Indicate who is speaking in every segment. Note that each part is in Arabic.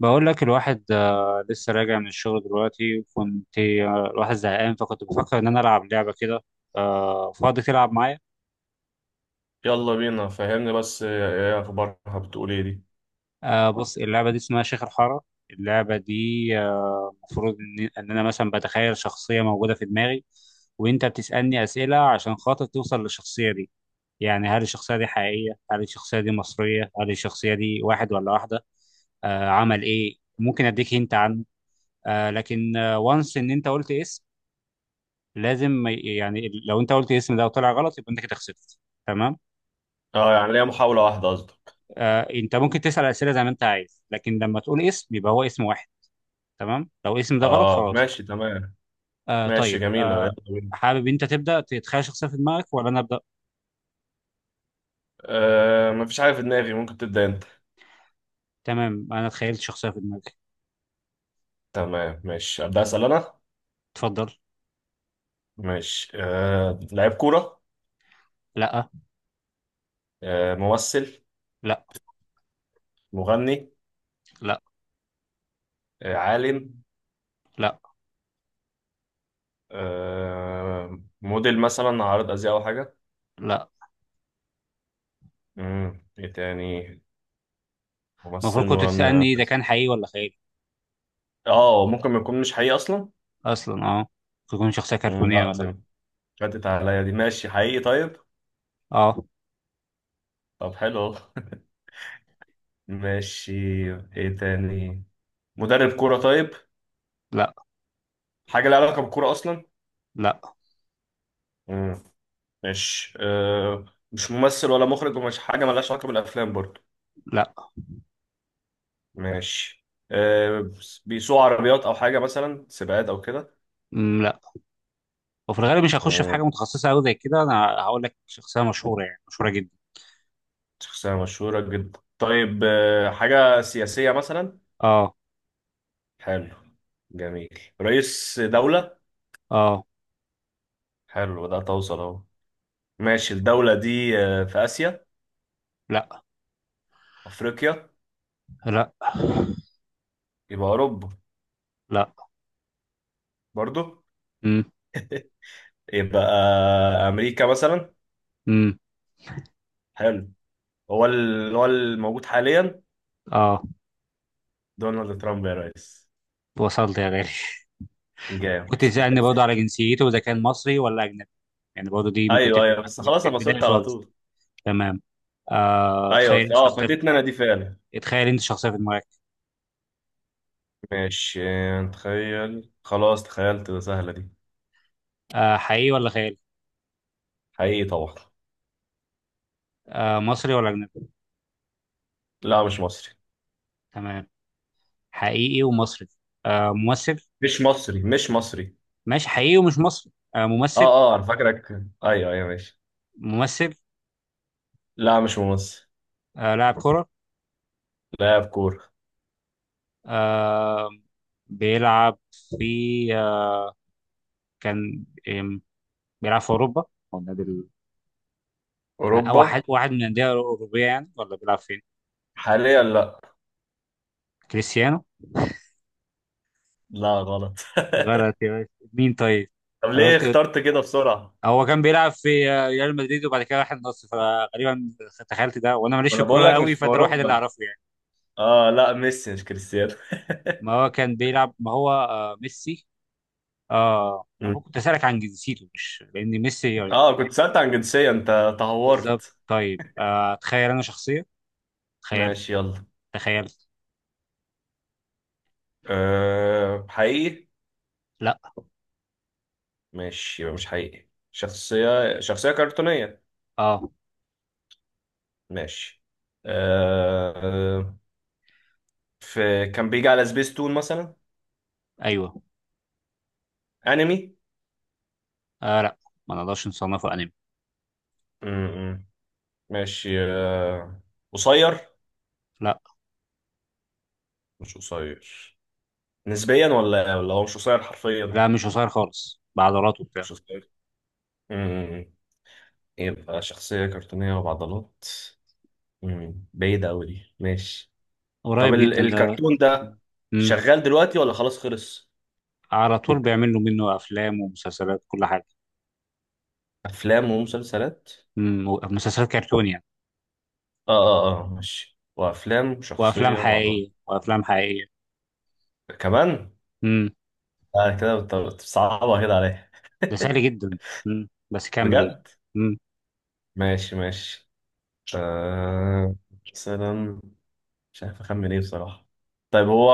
Speaker 1: بقول لك الواحد، لسه راجع من الشغل دلوقتي. وكنت، الواحد زهقان، فكنت بفكر ان انا العب لعبه كده. فاضي تلعب معايا؟
Speaker 2: يلا بينا. فهمني بس ايه. إيه اخبارها بتقول ايه دي.
Speaker 1: بص، اللعبه دي اسمها شيخ الحاره. اللعبه دي، المفروض إن انا مثلا بتخيل شخصيه موجوده في دماغي، وانت بتسالني اسئله عشان خاطر توصل للشخصيه دي. يعني هل الشخصيه دي حقيقيه، هل الشخصيه دي مصريه، هل الشخصيه دي واحد ولا واحده، عمل ايه. ممكن اديك هنت عنه، لكن وانس ان انت قلت اسم، لازم ما يعني لو انت قلت الاسم ده وطلع غلط يبقى انت كده خسرت. تمام؟
Speaker 2: اه، يعني ليا محاولة واحدة قصدك.
Speaker 1: انت ممكن تسال اسئله زي ما انت عايز، لكن لما تقول اسم يبقى هو اسم واحد. تمام؟ لو الاسم ده غلط
Speaker 2: اه
Speaker 1: خلاص.
Speaker 2: ماشي تمام. ماشي
Speaker 1: طيب.
Speaker 2: جميلة، يلا بينا.
Speaker 1: حابب انت تبدا تتخيل شخصيه في دماغك، ولا انا ابدا؟
Speaker 2: مفيش حاجة في دماغي، ممكن تبدأ انت.
Speaker 1: تمام، انا تخيلت شخصيه في دماغي.
Speaker 2: تمام ماشي أبدأ أسأل انا.
Speaker 1: اتفضل.
Speaker 2: ماشي لعيب كورة.
Speaker 1: لا،
Speaker 2: ممثل.
Speaker 1: لا،
Speaker 2: مغني.
Speaker 1: لا،
Speaker 2: عالم.
Speaker 1: لا،
Speaker 2: موديل مثلا، عارض أزياء أو حاجة.
Speaker 1: لا.
Speaker 2: مم. ايه تاني؟
Speaker 1: المفروض
Speaker 2: ممثل،
Speaker 1: كنت
Speaker 2: مغني،
Speaker 1: تسالني
Speaker 2: عارض
Speaker 1: ده
Speaker 2: أزياء.
Speaker 1: كان حقيقي ولا خيالي.
Speaker 2: اه ممكن ما يكون مش حقيقي أصلا.
Speaker 1: اصلا، اه. تكون شخصيه
Speaker 2: مم.
Speaker 1: كرتونيه
Speaker 2: لا
Speaker 1: مثلا.
Speaker 2: دي فاتت عليا، دي ماشي حقيقي طيب.
Speaker 1: اه.
Speaker 2: طب حلو أهو. ماشي. ايه تاني؟ مدرب كورة طيب؟
Speaker 1: لا،
Speaker 2: حاجة لها علاقة بالكورة أصلا؟
Speaker 1: لا،
Speaker 2: مم. ماشي مش ممثل ولا مخرج ومش حاجة ملهاش علاقة بالأفلام برضو؟
Speaker 1: لا.
Speaker 2: ماشي بيسوق عربيات أو حاجة مثلا، سباقات أو كده؟
Speaker 1: مم، لا. وفي الغالب مش هخش في
Speaker 2: مم.
Speaker 1: حاجه متخصصه قوي زي كده، انا هقول لك شخصيه مشهوره، يعني مشهوره جدا.
Speaker 2: شخصية مشهورة جدا طيب، حاجة سياسية مثلا؟
Speaker 1: اه.
Speaker 2: حلو. جميل، رئيس دولة.
Speaker 1: اه.
Speaker 2: حلو ده توصل أهو. ماشي الدولة دي في آسيا؟
Speaker 1: لا،
Speaker 2: أفريقيا؟
Speaker 1: لا،
Speaker 2: يبقى أوروبا؟
Speaker 1: لا.
Speaker 2: برضو؟
Speaker 1: امم.
Speaker 2: يبقى امريكا مثلا؟
Speaker 1: امم.
Speaker 2: حلو. هو اللي هو الموجود حاليا؟
Speaker 1: اه،
Speaker 2: دونالد ترامب يا ريس.
Speaker 1: وصلت يا غالي.
Speaker 2: جامد.
Speaker 1: كنت تسالني برضه على جنسيته اذا كان مصري ولا اجنبي. يعني برضه دي ممكن
Speaker 2: ايوه
Speaker 1: تفرق
Speaker 2: ايوه،
Speaker 1: معاك
Speaker 2: بس
Speaker 1: ولا لا
Speaker 2: خلاص
Speaker 1: في
Speaker 2: انا
Speaker 1: البدايه
Speaker 2: وصلت على
Speaker 1: خالص.
Speaker 2: طول.
Speaker 1: تمام.
Speaker 2: ايوه
Speaker 1: تخيل انت
Speaker 2: اه،
Speaker 1: شخصيه
Speaker 2: فاتتني انا دي فعلا.
Speaker 1: تخيل انت شخصيه في دماغك.
Speaker 2: ماشي. تخيل خلاص، تخيلت سهله دي.
Speaker 1: حقيقي ولا خيالي؟
Speaker 2: حقيقي طبعا.
Speaker 1: مصري ولا اجنبي؟
Speaker 2: لا مش مصري،
Speaker 1: تمام، حقيقي ومصري. ممثل؟
Speaker 2: مش مصري، مش مصري.
Speaker 1: ماشي، حقيقي ومش مصري.
Speaker 2: اه
Speaker 1: ممثل؟
Speaker 2: اه انا فاكرك. ايوه ايوه ماشي.
Speaker 1: ممثل؟
Speaker 2: لا مش مصري.
Speaker 1: لاعب كره؟
Speaker 2: لاعب كوره.
Speaker 1: آه بيلعب في آه كان آم، بيلعب في أوروبا، أو النادي ال- أو
Speaker 2: اوروبا.
Speaker 1: واحد من الأندية الأوروبية يعني، ولا بيلعب فين؟
Speaker 2: حاليا لا.
Speaker 1: كريستيانو.
Speaker 2: لا غلط.
Speaker 1: غلط يا باشا، مين طيب؟
Speaker 2: طب
Speaker 1: أنا
Speaker 2: ليه
Speaker 1: قلت إيه؟
Speaker 2: اخترت كده بسرعه؟
Speaker 1: هو كان بيلعب في، ريال مدريد، وبعد كده راح النصر، فغالبا تخيلت ده وأنا ماليش في
Speaker 2: انا بقول
Speaker 1: الكورة
Speaker 2: لك مش
Speaker 1: قوي،
Speaker 2: في
Speaker 1: فده الوحيد اللي
Speaker 2: اوروبا.
Speaker 1: أعرفه يعني.
Speaker 2: اه لا، ميسي مش كريستيانو.
Speaker 1: ما هو، ميسي.
Speaker 2: مم.
Speaker 1: أبوك كنت أسألك عن جنسيته مش لأن ميسي يعني.
Speaker 2: اه كنت سألت عن جنسية، انت
Speaker 1: بالظبط.
Speaker 2: تهورت.
Speaker 1: طيب، تخيل أنا شخصية. تخيلت.
Speaker 2: ماشي يلا.
Speaker 1: تخيلت.
Speaker 2: حقيقي.
Speaker 1: لا.
Speaker 2: ماشي يبقى مش حقيقي، شخصية كرتونية.
Speaker 1: اه.
Speaker 2: ماشي آه في كان بيجي على سبيس تون مثلا؟
Speaker 1: ايوه.
Speaker 2: انمي؟
Speaker 1: آه، لا. ما نقدرش نصنفه انمي.
Speaker 2: مم. ماشي قصير؟
Speaker 1: لا،
Speaker 2: مش قصير؟ نسبيا ولا هو مش قصير حرفيا؟
Speaker 1: لا، مش قصير خالص، بعضلاته وبتاع.
Speaker 2: مش قصير. مم. يبقى شخصية كرتونية وبعضلات. مم. بعيدة أوي دي، ماشي. طب
Speaker 1: قريب جدا ده.
Speaker 2: الكرتون ده
Speaker 1: مم.
Speaker 2: شغال دلوقتي ولا خلاص خلص؟
Speaker 1: على طول بيعملوا منه افلام ومسلسلات، كل حاجه.
Speaker 2: أفلام ومسلسلات؟
Speaker 1: مم. مسلسلات كرتون يعني.
Speaker 2: آه آه آه ماشي. وأفلام
Speaker 1: وافلام
Speaker 2: شخصية بعضها
Speaker 1: حقيقيه، وافلام حقيقيه.
Speaker 2: كمان؟
Speaker 1: مم.
Speaker 2: كده بتصعبها كده عليا.
Speaker 1: ده سهل جدا. مم، بس كمل يعني.
Speaker 2: بجد؟
Speaker 1: مم.
Speaker 2: ماشي ماشي. آه مثلا، مش عارف أخمن إيه بصراحة. طيب هو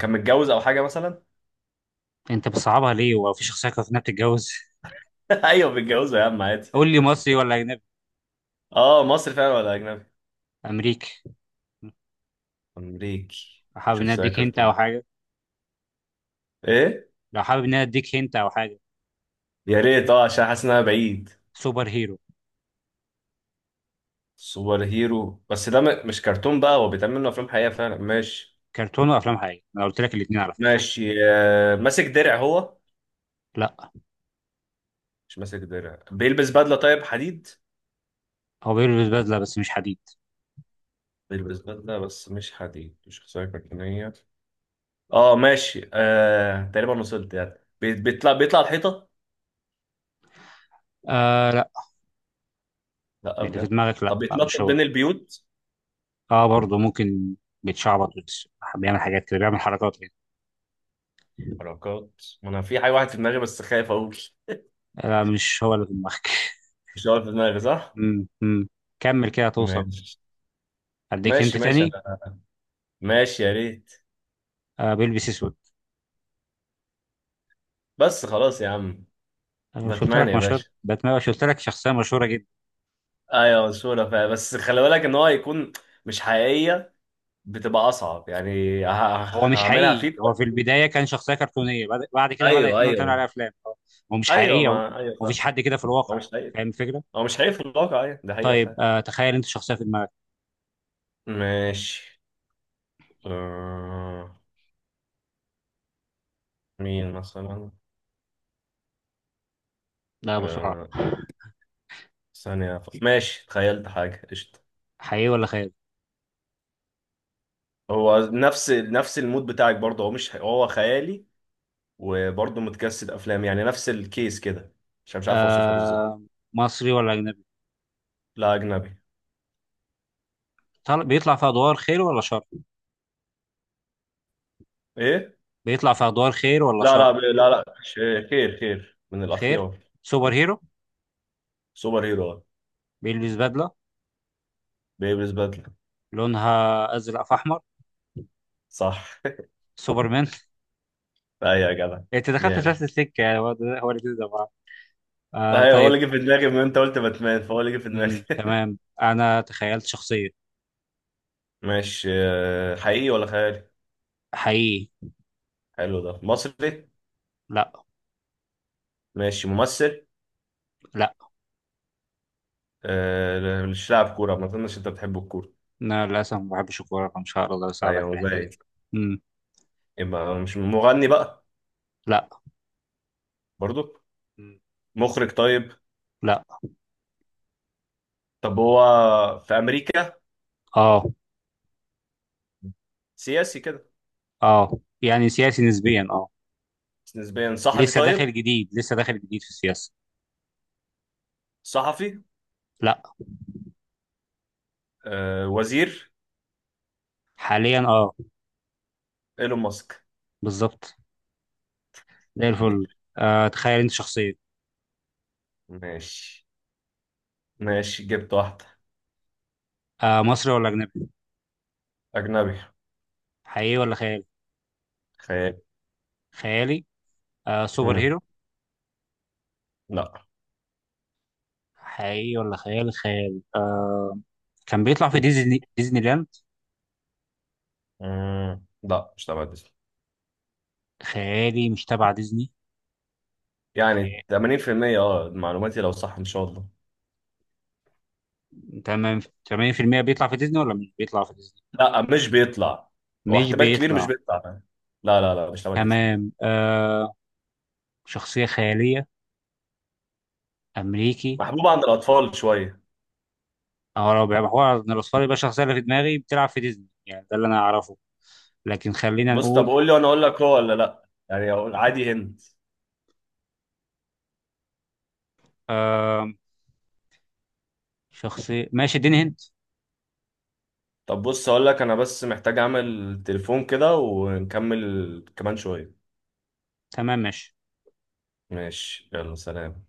Speaker 2: كان متجوز أو حاجة مثلا؟
Speaker 1: انت بتصعبها ليه، هو في شخصيه كانت إنها بتتجوز؟
Speaker 2: أيوه متجوزة يا عم عادي.
Speaker 1: قول لي مصري ولا اجنبي.
Speaker 2: مصري فعلا ولا أجنبي؟
Speaker 1: امريكي. مم.
Speaker 2: أمريكي.
Speaker 1: حابب ان أنا
Speaker 2: شخصية
Speaker 1: اديك هنت
Speaker 2: كرتون.
Speaker 1: او حاجه.
Speaker 2: إيه؟
Speaker 1: لو حابب ان أنا اديك هنت او حاجه.
Speaker 2: يا ريت اه، عشان حاسس انها بعيد.
Speaker 1: سوبر هيرو.
Speaker 2: سوبر هيرو، بس ده مش كرتون بقى، هو بيتعمل منه افلام حقيقيه فعلا ماشي.
Speaker 1: كرتون وافلام حقيقيه، انا قلت لك الاثنين على فكره.
Speaker 2: ماشي ماسك درع هو؟
Speaker 1: لا،
Speaker 2: مش ماسك درع، بيلبس بدله طيب، حديد؟
Speaker 1: هو بيلبس بدلة بس مش حديد.
Speaker 2: بيلبس بدله بس مش حديد، مش شخصيه كرتونيه. اه ماشي تقريبا وصلت يعني. بيطلع الحيطه؟
Speaker 1: آه، لا.
Speaker 2: لا
Speaker 1: اللي في
Speaker 2: بجد؟
Speaker 1: دماغك لا،
Speaker 2: طب
Speaker 1: لا، مش
Speaker 2: بيتنطط
Speaker 1: هو.
Speaker 2: بين البيوت؟
Speaker 1: اه، برضه ممكن. بيتشعبط بس. بيعمل حاجات كده، بيعمل حركات يعني.
Speaker 2: حركات. ما انا في حاجه، واحد في دماغي بس خايف اقول.
Speaker 1: لا، مش هو اللي في دماغك.
Speaker 2: مش هو في دماغي صح؟
Speaker 1: مم، مم. كمل كده توصل.
Speaker 2: ماشي.
Speaker 1: اديك انت
Speaker 2: ماشي ماشي
Speaker 1: تاني.
Speaker 2: انا، ماشي يا ريت.
Speaker 1: بيلبس اسود.
Speaker 2: بس خلاص يا عم.
Speaker 1: انا مش قلت
Speaker 2: باتمان
Speaker 1: لك
Speaker 2: يا
Speaker 1: مشهور
Speaker 2: باشا.
Speaker 1: باتمان؟ مش قلت لك شخصيه مشهوره جدا؟
Speaker 2: ايوه صورة فعلا، بس خلي بالك ان هو هيكون مش حقيقية، بتبقى اصعب يعني.
Speaker 1: هو مش
Speaker 2: هعملها
Speaker 1: حقيقي.
Speaker 2: فيك.
Speaker 1: هو في البدايه كان شخصيه كرتونيه، بعد كده بدات
Speaker 2: ايوه
Speaker 1: ان هو تعمل
Speaker 2: ايوه.
Speaker 1: عليها افلام. هو، هو مش
Speaker 2: ايوه
Speaker 1: حقيقي. هو
Speaker 2: ما ايوه فاهم.
Speaker 1: مفيش حد كده في
Speaker 2: هو
Speaker 1: الواقع.
Speaker 2: مش حقيقي.
Speaker 1: فاهم الفكره.
Speaker 2: هو مش حقيقي في الواقع، ايوه ده حقيقة
Speaker 1: طيب،
Speaker 2: فعلا.
Speaker 1: تخيل انت شخصيه في دماغك.
Speaker 2: ماشي. آه... مين مثلا؟
Speaker 1: لا، بسرعه.
Speaker 2: آه... ثانية أفكر. ماشي تخيلت حاجة قشطة.
Speaker 1: حقيقي ولا خيال؟
Speaker 2: هو نفس المود بتاعك برضه، هو مش حقيقي. هو خيالي وبرضه متجسد افلام، يعني نفس الكيس كده عشان مش عارف اوصفها بالظبط.
Speaker 1: آه مصري ولا أجنبي؟
Speaker 2: لا اجنبي.
Speaker 1: بيطلع في أدوار خير ولا شر؟
Speaker 2: ايه؟
Speaker 1: بيطلع في أدوار خير ولا
Speaker 2: لا
Speaker 1: شر؟
Speaker 2: لا لا لا خير، خير من
Speaker 1: خير.
Speaker 2: الأخيار.
Speaker 1: سوبر هيرو.
Speaker 2: سوبر هيرو.
Speaker 1: بيلبس بدلة.
Speaker 2: بيلبس بدلة.
Speaker 1: لونها أزرق في أحمر.
Speaker 2: صح.
Speaker 1: سوبرمان.
Speaker 2: أيوة يا جدع.
Speaker 1: أنت دخلت في
Speaker 2: جامد.
Speaker 1: نفس السكة يعني. هو ده، هو الاتنين ده بعض.
Speaker 2: أيوة هو
Speaker 1: طيب.
Speaker 2: اللي جه في دماغي من أنت قلت باتمان، فهو اللي جه في دماغي.
Speaker 1: مم. تمام، أنا تخيلت شخصية.
Speaker 2: ماشي حقيقي ولا خيالي؟
Speaker 1: حقيقي.
Speaker 2: حلو، ده مصري؟
Speaker 1: لا.
Speaker 2: ماشي ممثل؟
Speaker 1: لا،
Speaker 2: مش لاعب كورة، ما أظنش أنت بتحب الكورة.
Speaker 1: أنا للأسف ما بحبش الكورة، فمش هقدر أساعدك في
Speaker 2: أيوة
Speaker 1: الحتة دي.
Speaker 2: مبين.
Speaker 1: مم.
Speaker 2: يبقى مش مغني بقى؟
Speaker 1: لا.
Speaker 2: برضو؟
Speaker 1: مم.
Speaker 2: مخرج طيب؟
Speaker 1: لا.
Speaker 2: طب هو في أمريكا؟
Speaker 1: اه.
Speaker 2: سياسي كده؟
Speaker 1: اه، يعني سياسي نسبيا، اه.
Speaker 2: نسبيا، صحفي
Speaker 1: لسه داخل
Speaker 2: طيب؟
Speaker 1: جديد لسه داخل جديد في السياسة.
Speaker 2: صحفي؟
Speaker 1: لا.
Speaker 2: وزير؟
Speaker 1: حاليا، اه.
Speaker 2: ايلون ماسك.
Speaker 1: بالظبط. زي الفل. تخيل انت شخصية.
Speaker 2: ماشي. ماشي جبت واحدة.
Speaker 1: مصري ولا أجنبي؟
Speaker 2: أجنبي.
Speaker 1: حقيقي ولا خيالي؟
Speaker 2: خيال.
Speaker 1: خيالي. سوبر
Speaker 2: مم.
Speaker 1: هيرو؟
Speaker 2: لا.
Speaker 1: حقيقي ولا خيالي؟ خيالي. كان بيطلع في ديزني لاند؟
Speaker 2: مم. لا مش تبع ديزني.
Speaker 1: خيالي مش تبع ديزني؟
Speaker 2: يعني
Speaker 1: خيالي.
Speaker 2: 80%. اه معلوماتي لو صح إن شاء الله.
Speaker 1: تمام، 80% بيطلع في ديزني ولا مش بيطلع في ديزني؟
Speaker 2: لا مش بيطلع. هو
Speaker 1: مش
Speaker 2: احتمال كبير مش
Speaker 1: بيطلع.
Speaker 2: بيطلع. لا لا لا، مش تبع ديزني.
Speaker 1: تمام. شخصية خيالية. أمريكي.
Speaker 2: محبوب عند الأطفال شوية.
Speaker 1: اه، لو بيبقى هو من الأصفار، يبقى الشخصية اللي في دماغي بتلعب في ديزني، يعني ده اللي أنا أعرفه. لكن خلينا
Speaker 2: بص طب
Speaker 1: نقول.
Speaker 2: قول لي وأنا أقول لك هو ولا لا، يعني أقول عادي هند.
Speaker 1: شخصية؟ ماشي، اديني هنت.
Speaker 2: طب بص أقول لك، أنا بس محتاج أعمل تليفون كده ونكمل كمان شوية.
Speaker 1: تمام، ماشي.
Speaker 2: ماشي يلا سلام.